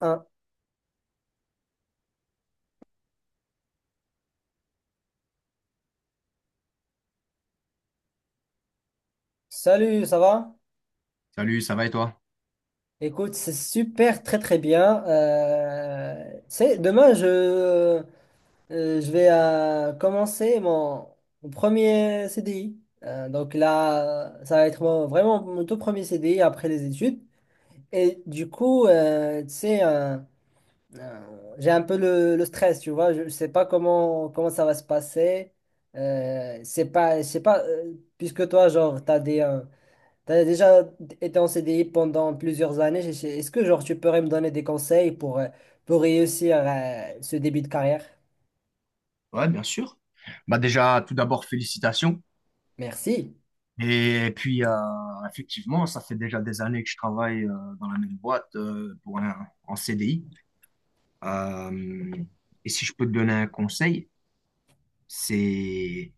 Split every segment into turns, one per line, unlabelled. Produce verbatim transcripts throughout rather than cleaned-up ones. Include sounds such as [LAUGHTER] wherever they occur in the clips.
Un. Salut, ça va?
Salut, ça va et toi?
Écoute, c'est super, très très bien. Euh, c'est demain, je, euh, je vais euh, commencer mon, mon premier C D I. Euh, donc là, ça va être mon- vraiment mon tout premier C D I après les études. Et du coup, euh, tu sais, euh, euh, j'ai un peu le, le stress, tu vois. Je ne sais pas comment, comment ça va se passer. Euh, c'est pas, je sais pas, euh, puisque toi, genre, tu as des, euh, t'as déjà été en C D I pendant plusieurs années. Je sais- Est-ce que genre tu pourrais me donner des conseils pour, euh, pour réussir euh, ce début de carrière?
Ouais, bien sûr. Bah déjà, tout d'abord, félicitations.
Merci.
Et puis, euh, effectivement, ça fait déjà des années que je travaille euh, dans la même boîte euh, pour un, en C D I. Euh, et si je peux te donner un conseil, c'est,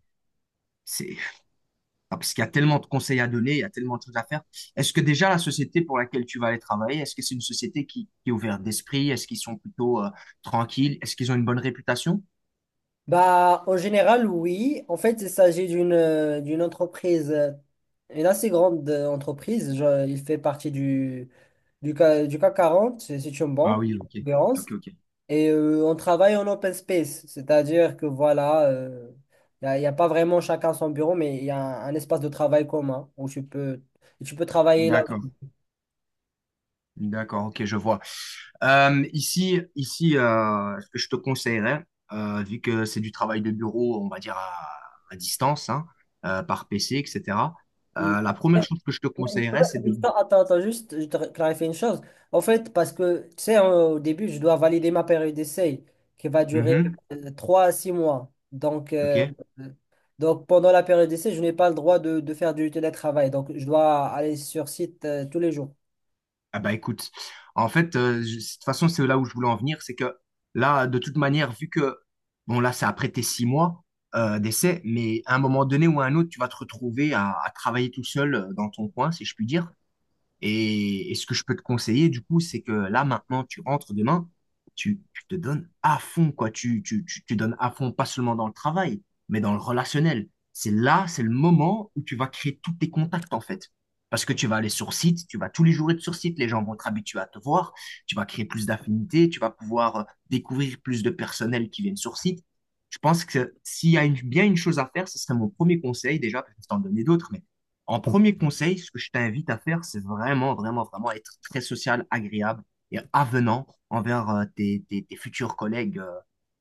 c'est, ah, parce qu'il y a tellement de conseils à donner, il y a tellement de choses à faire. Est-ce que déjà la société pour laquelle tu vas aller travailler, est-ce que c'est une société qui, qui est ouverte d'esprit? Est-ce qu'ils sont plutôt euh, tranquilles? Est-ce qu'ils ont une bonne réputation?
Bah, en général, oui. En fait, il s'agit d'une euh, d'une entreprise, euh, une assez grande euh, entreprise. Je- il fait partie du, du, K- du CAC quarante. C'est c'est une
Ah
banque,
oui,
en
ok,
l'occurrence.
ok, ok.
Et euh, on travaille en open space, c'est-à-dire que voilà, il n'y a, y a pas vraiment chacun son bureau, mais il y a un, un espace de travail commun où tu peux, tu peux travailler là.
D'accord. D'accord, ok, je vois. Euh, ici, ici euh, ce que je te conseillerais, euh, vu que c'est du travail de bureau, on va dire à, à distance, hein, euh, par P C, etcétéra,
Mm.
euh, la première
Mais-
chose que je te
mais- ouais,
conseillerais, c'est
mais-
de...
Attends, attends, attends, juste, je te clarifie une chose. En fait, parce que, tu sais, hein, au début, je dois valider ma période d'essai qui va durer
Mhm,
euh, trois à six mois. Donc, euh,
ok.
euh, donc pendant la période d'essai, je n'ai pas le droit de, de faire du télétravail. Donc, je dois aller sur site euh, tous les jours.
Ah bah écoute, en fait, euh, je- de toute façon, c'est là où je voulais en venir, c'est que là, de toute manière, vu que, bon, là, ça a prêté six mois euh, d'essai, mais à un moment donné ou à un autre, tu vas te retrouver à, à travailler tout seul euh, dans ton coin, si je puis dire. Et, et ce que je peux te conseiller, du coup, c'est que là, maintenant, tu rentres demain, tu, tu te donnes à fond, quoi. Tu, tu, tu, tu donnes à fond, pas seulement dans le travail, mais dans le relationnel. C'est là, c'est le moment où tu vas créer tous tes contacts, en fait. Parce que tu vas aller sur site, tu vas tous les jours être sur site, les gens vont être habitués à te voir, tu vas créer plus d'affinités, tu vas pouvoir euh, découvrir plus de personnel qui viennent sur site. Je pense que s'il y a une- bien une chose à faire, ce serait mon premier conseil, déjà, parce que je vais t'en donner d'autres, mais en premier conseil, ce que je t'invite à faire, c'est vraiment, vraiment, vraiment être très social, agréable et avenant envers euh, tes, tes- tes futurs collègues, euh,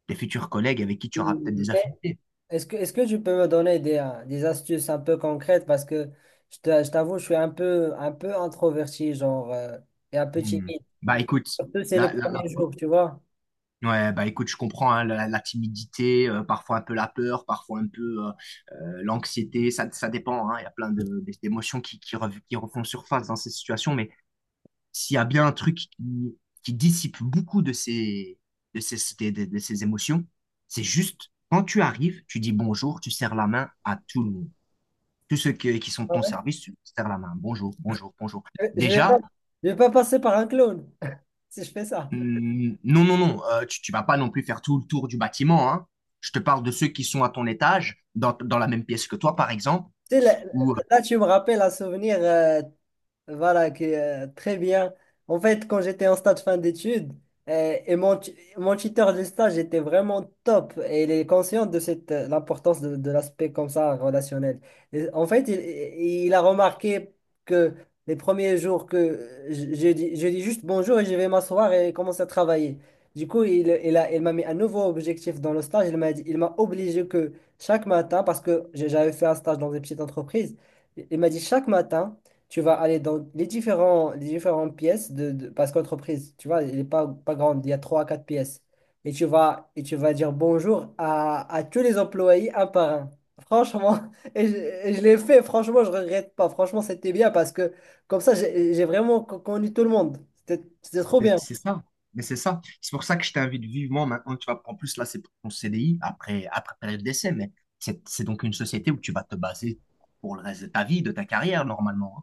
tes futurs collègues avec qui tu auras peut-être
Hmm.
des affinités.
Est-ce que, est-ce que tu peux me donner des, euh, des astuces un peu concrètes? Parce que je t'a- je t'avoue, je suis un peu, un peu introverti, genre, euh, et un peu
Hmm.
timide.
Bah écoute,
Surtout, c'est le
la, la, la-
premier jour, tu vois.
ouais, bah écoute, je comprends hein, la, la timidité, euh, parfois un peu la peur, parfois un peu euh, euh, l'anxiété, ça, ça dépend, hein, il y a plein de- d'émotions qui, qui, rev- qui refont surface dans ces situations, mais s'il y a bien un truc qui, qui dissipe beaucoup de ces, de ces, de, de- de ces émotions, c'est juste quand tu arrives, tu dis bonjour, tu serres la main à tout le monde. Tous ceux que- qui sont de
Ah
ton
ouais?
service, tu serres la main. Bonjour, bonjour, bonjour.
Je je vais pas,
Déjà,
je vais pas passer par un clown [LAUGHS] si je fais ça.
hum, non, non, non, euh, tu, tu vas pas non plus faire tout le tour du bâtiment, hein. Je te parle de ceux qui sont à ton étage, dans, dans la même pièce que toi, par exemple,
Tu sais, là,
ou
là, tu me rappelles un souvenir euh, voilà, qui est euh, très bien. En fait, quand j'étais en stage fin d'études, euh, et mon, tu- mon tuteur de stage était vraiment top et il est conscient de cette, euh, l'importance de, de l'aspect comme ça relationnel. Et en fait, il, il a remarqué que les premiers jours que euh, je, je dis, je dis juste bonjour et je vais m'asseoir et commencer à travailler. Du coup, il, il a, il m'a mis un nouveau objectif dans le stage. Il m'a dit, il m'a obligé que chaque matin, parce que j'avais fait un stage dans une petite entreprise, il m'a dit chaque matin tu vas aller dans les différents, les différentes pièces de, de- parce qu'entreprise, tu vois, elle n'est pas, pas grande, il y a trois à quatre pièces. Et tu vas, et tu vas dire bonjour à, à tous les employés un par un. Franchement, [LAUGHS] et je, et je l'ai fait, franchement, je regrette pas. Franchement, c'était bien parce que comme ça, j'ai j'ai vraiment co- connu tout le monde. C'était c'était trop
C'est
bien.
c'est ça, mais c'est ça. C'est pour ça que je t'invite vivement maintenant. Tu vas, en plus, là, c'est pour ton C D I après, après période d'essai, mais c'est c'est donc une société où tu vas te baser pour le reste de ta vie, de ta carrière, normalement, hein.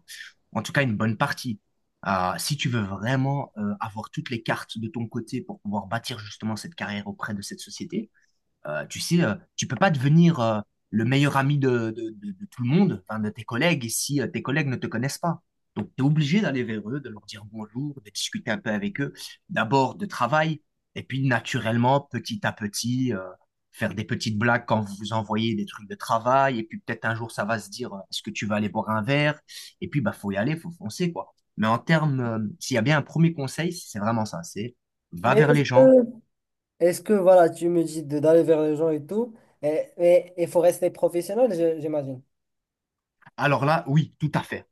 En tout cas, une bonne partie. Euh, si tu veux vraiment euh, avoir toutes les cartes de ton côté pour pouvoir bâtir justement cette carrière auprès de cette société, euh, tu sais, euh, tu peux pas devenir euh, le meilleur ami de, de- de- de tout le monde, enfin, de tes collègues, si euh, tes collègues ne te connaissent pas. Donc, tu es obligé d'aller vers eux, de leur dire bonjour, de discuter un peu avec eux, d'abord de travail, et puis naturellement, petit à petit, euh, faire des petites blagues quand vous vous envoyez des trucs de travail, et puis peut-être un jour, ça va se dire, euh, est-ce que tu vas aller boire un verre? Et puis, bah, faut y aller, faut foncer, quoi. Mais en termes, euh, s'il y a bien un premier conseil, c'est vraiment ça, c'est va
Mais
vers
est-ce
les
que,
gens.
est-ce que, voilà, tu me dis de- d'aller vers les gens et tout, et il faut rester professionnel, je- j'imagine.
Alors là, oui, tout à fait,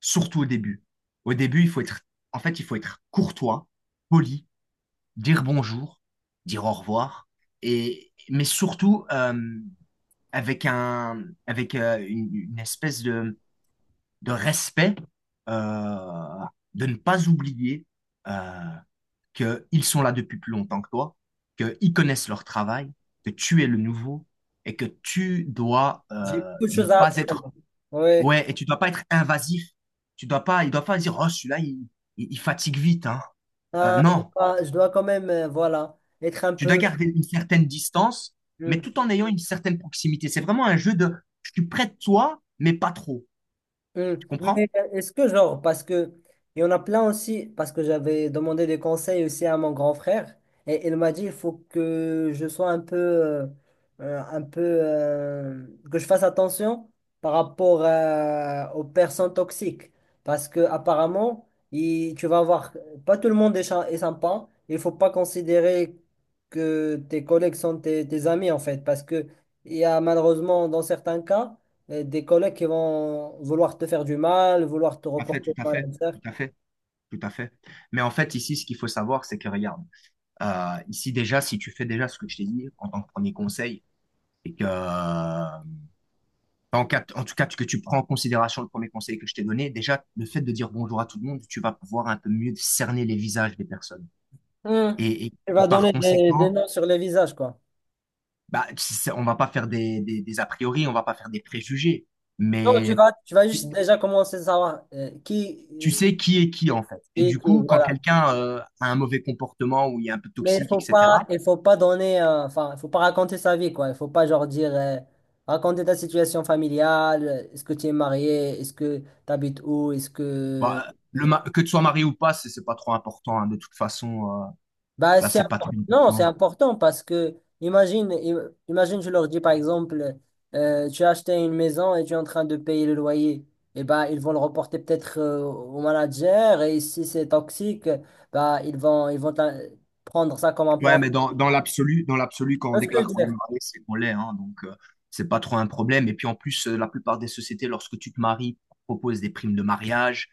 surtout au début. Au début, il faut être, en fait, il faut être courtois, poli, dire bonjour, dire au revoir, et mais surtout euh, avec un, avec euh, une, une espèce de, de respect, euh, de ne pas oublier euh, que ils sont là depuis plus longtemps que toi, qu'ils connaissent leur travail, que tu es le nouveau et que tu dois
J'ai
euh,
beaucoup de
ne
choses à
pas être
apprendre. Oui.
ouais, et tu dois pas être invasif. Tu dois pas, il doit pas dire, oh, celui-là, il, il- il fatigue vite, hein. Euh,
Ah, je
non,
dois, je dois quand même, euh, voilà, être un
tu dois
peu.
garder une certaine distance, mais
Hmm.
tout en ayant une certaine proximité. C'est vraiment un jeu de, je suis près de toi, mais pas trop.
Hmm.
Tu comprends?
Mais euh, est-ce que genre, parce que il y en a plein aussi, parce que j'avais demandé des conseils aussi à mon grand frère, et il m'a dit il faut que je sois un peu, euh, euh, un peu, euh, que je fasse attention par rapport euh, aux personnes toxiques, parce que apparemment, il- tu vas avoir, pas tout le monde est, cha- est sympa, il faut pas considérer que tes collègues sont tes, tes amis en fait, parce que il y a malheureusement dans certains cas euh, des collègues qui vont vouloir te faire du mal, vouloir te
Tout à fait,
reporter
tout à
au
fait,
manager.
tout à fait, tout à fait. Mais en fait, ici, ce qu'il faut savoir, c'est que regarde, euh, ici déjà, si tu fais déjà ce que je t'ai dit en tant que premier conseil, et que en, quatre- en tout cas, que tu prends en considération le premier conseil que je t'ai donné, déjà, le fait de dire bonjour à tout le monde, tu vas pouvoir un peu mieux cerner les visages des personnes.
Hmm.
Et, et-
Tu
et
vas
par
donner des, des
conséquent,
noms sur les visages, quoi.
bah, c- c'est- on va pas faire des, des, des a priori, on va pas faire des préjugés,
Non, tu
mais
vas, tu vas juste déjà commencer à savoir euh, qui,
tu sais qui est qui, en fait. Et
qui,
du
qui,
coup, quand
voilà.
quelqu'un euh, a un mauvais comportement ou il est un peu
Mais il
toxique,
faut pas,
etcétéra,
il faut pas donner, euh, enfin, il faut pas raconter sa vie, quoi. Il faut pas, genre, dire, euh, raconter ta situation familiale. euh, Est-ce que tu es marié? Est-ce que tu habites où? Est-ce que,
bah, le ma- que tu sois marié ou pas, c'est c'est pas trop important, hein. De toute façon, euh,
bah,
ça,
c'est
c'est pas
impor-
très
non, c'est
important.
important parce que, imagine, im- imagine, je leur dis par exemple, euh, tu as acheté une maison et tu es en train de payer le loyer. Et bah, ils vont le reporter peut-être euh, au manager et si c'est toxique, bah, ils vont, ils vont t'in- prendre ça comme un pan.
Ouais, mais
Tu
dans, dans l'absolu, dans l'absolu, quand on
vois ce que je
déclare
veux
qu'on est
dire?
marié, c'est qu'on l'est, hein, donc, euh, c'est pas trop un problème. Et puis, en plus, euh, la plupart des sociétés, lorsque tu te maries, proposent des primes de mariage,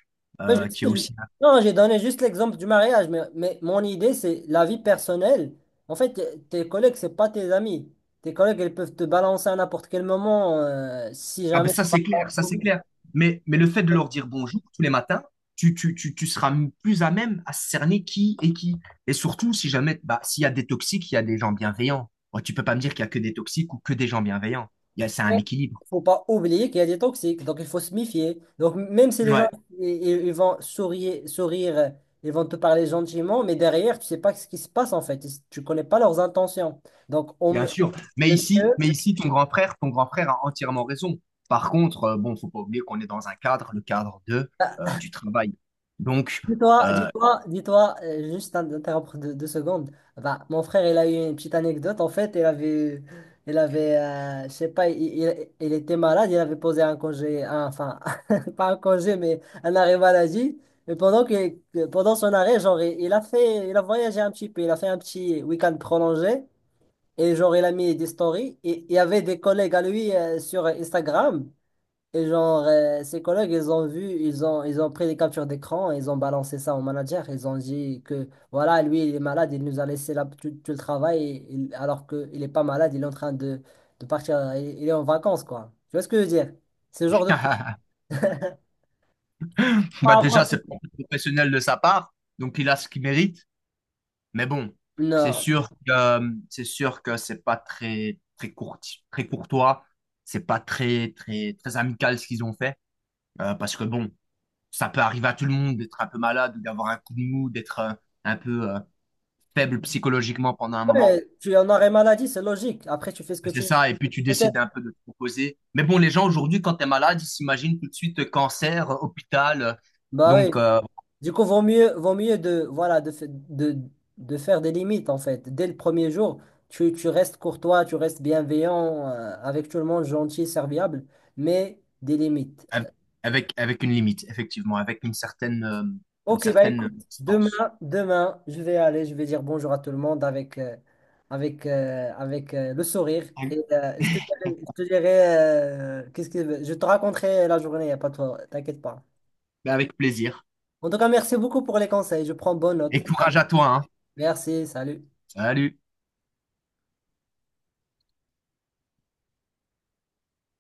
Oui,
euh,
je
qui est
sais, je-
aussi
non, j'ai donné juste l'exemple du mariage, mais, mais mon idée, c'est la vie personnelle. En fait, t- tes collègues, c'est pas tes amis. Tes collègues, ils peuvent te balancer à n'importe quel moment euh, si
ah ben
jamais ça
ça
va
c'est clair, ça
pas.
c'est clair. Mais, mais le fait de leur dire bonjour tous les matins, tu, tu, tu, tu seras m- plus à même à cerner qui est qui. Et surtout, si jamais, bah, s'il y a des toxiques, il y a des gens bienveillants. Bon, tu peux pas me dire qu'il y a que des toxiques ou que des gens bienveillants. Il y a, c'est un
Mais
équilibre.
il faut pas oublier qu'il y a des toxiques, donc il faut se méfier. Donc même si les gens
Ouais,
ils, ils- ils vont sourire, sourire, ils vont te parler gentiment, mais derrière, tu sais pas ce qui se passe en fait. Ils- Tu connais pas leurs intentions. Donc on,
bien
me-
sûr. Mais
le
ici,
mieux,
mais ici, ton grand frère, ton grand frère a entièrement raison. Par contre, euh, bon, faut pas oublier qu'on est dans un cadre, le cadre de, euh, du travail. Donc,
Dis-toi,
euh,
dis-toi, dis-toi, euh, juste un- interrompre deux, deux secondes. Bah, mon frère, il a eu une petite anecdote. En fait, il avait, il avait, euh, je sais pas, il, il- il était malade. Il avait posé un congé, un- enfin, [LAUGHS] pas un congé, mais un arrêt maladie. Mais pendant que, que- pendant son arrêt, genre, il, il a fait, il a voyagé un petit peu. Il a fait un petit week-end prolongé. Et genre, il a mis des stories. Et il y avait des collègues à lui, euh, sur Instagram. Et genre, euh, ses collègues, ils ont vu, ils ont, ils ont pris des captures d'écran, et ils ont balancé ça au manager. Ils ont dit que, voilà, lui, il est malade, il nous a laissé là, tout, tout le travail, et il- alors qu'il n'est pas malade, il est en train de, de partir, euh, il, il est en vacances, quoi. Tu vois ce que je veux dire? Ce genre de truc.
[LAUGHS]
[LAUGHS]
bah
Pas
déjà, c'est
en.
pas professionnel de sa part, donc il a ce qu'il mérite. Mais bon, c'est
Non.
sûr que c'est sûr que c'est pas très très court, très courtois, c'est pas très très très amical ce qu'ils ont fait euh, parce que bon, ça peut arriver à tout le monde d'être un peu malade ou d'avoir un coup de mou, d'être euh, un peu euh, faible psychologiquement pendant un moment.
Ouais, tu en arrêt maladie, c'est logique. Après, tu fais ce que
Ah, c'est
tu veux.
ça, et puis tu décides
Peut-être.
un peu de te proposer. Mais bon, les gens aujourd'hui, quand t'es malade, ils s'imaginent tout de suite euh, cancer, euh, hôpital, euh,
Bah
donc
oui.
euh,
Du coup, vaut mieux, vaut mieux de, voilà, de, fa- de, de faire des limites, en fait. Dès le premier jour, tu, tu restes courtois, tu restes bienveillant, euh, avec tout le monde, gentil, serviable, mais des limites.
av- avec avec une limite, effectivement, avec une certaine euh, une
Ok, bah
certaine
écoute, demain,
distance.
demain, je vais aller, je vais dire bonjour à tout le monde avec, euh, avec, euh, avec euh, le sourire. Et euh, je te dirai, je te dirai, euh, qu'est-ce que, je te raconterai la journée, y a pas de, t'inquiète pas.
Ben, avec plaisir.
En tout cas, merci beaucoup pour les conseils, je prends bonne note.
Et courage à toi, hein.
Merci, salut.
Salut.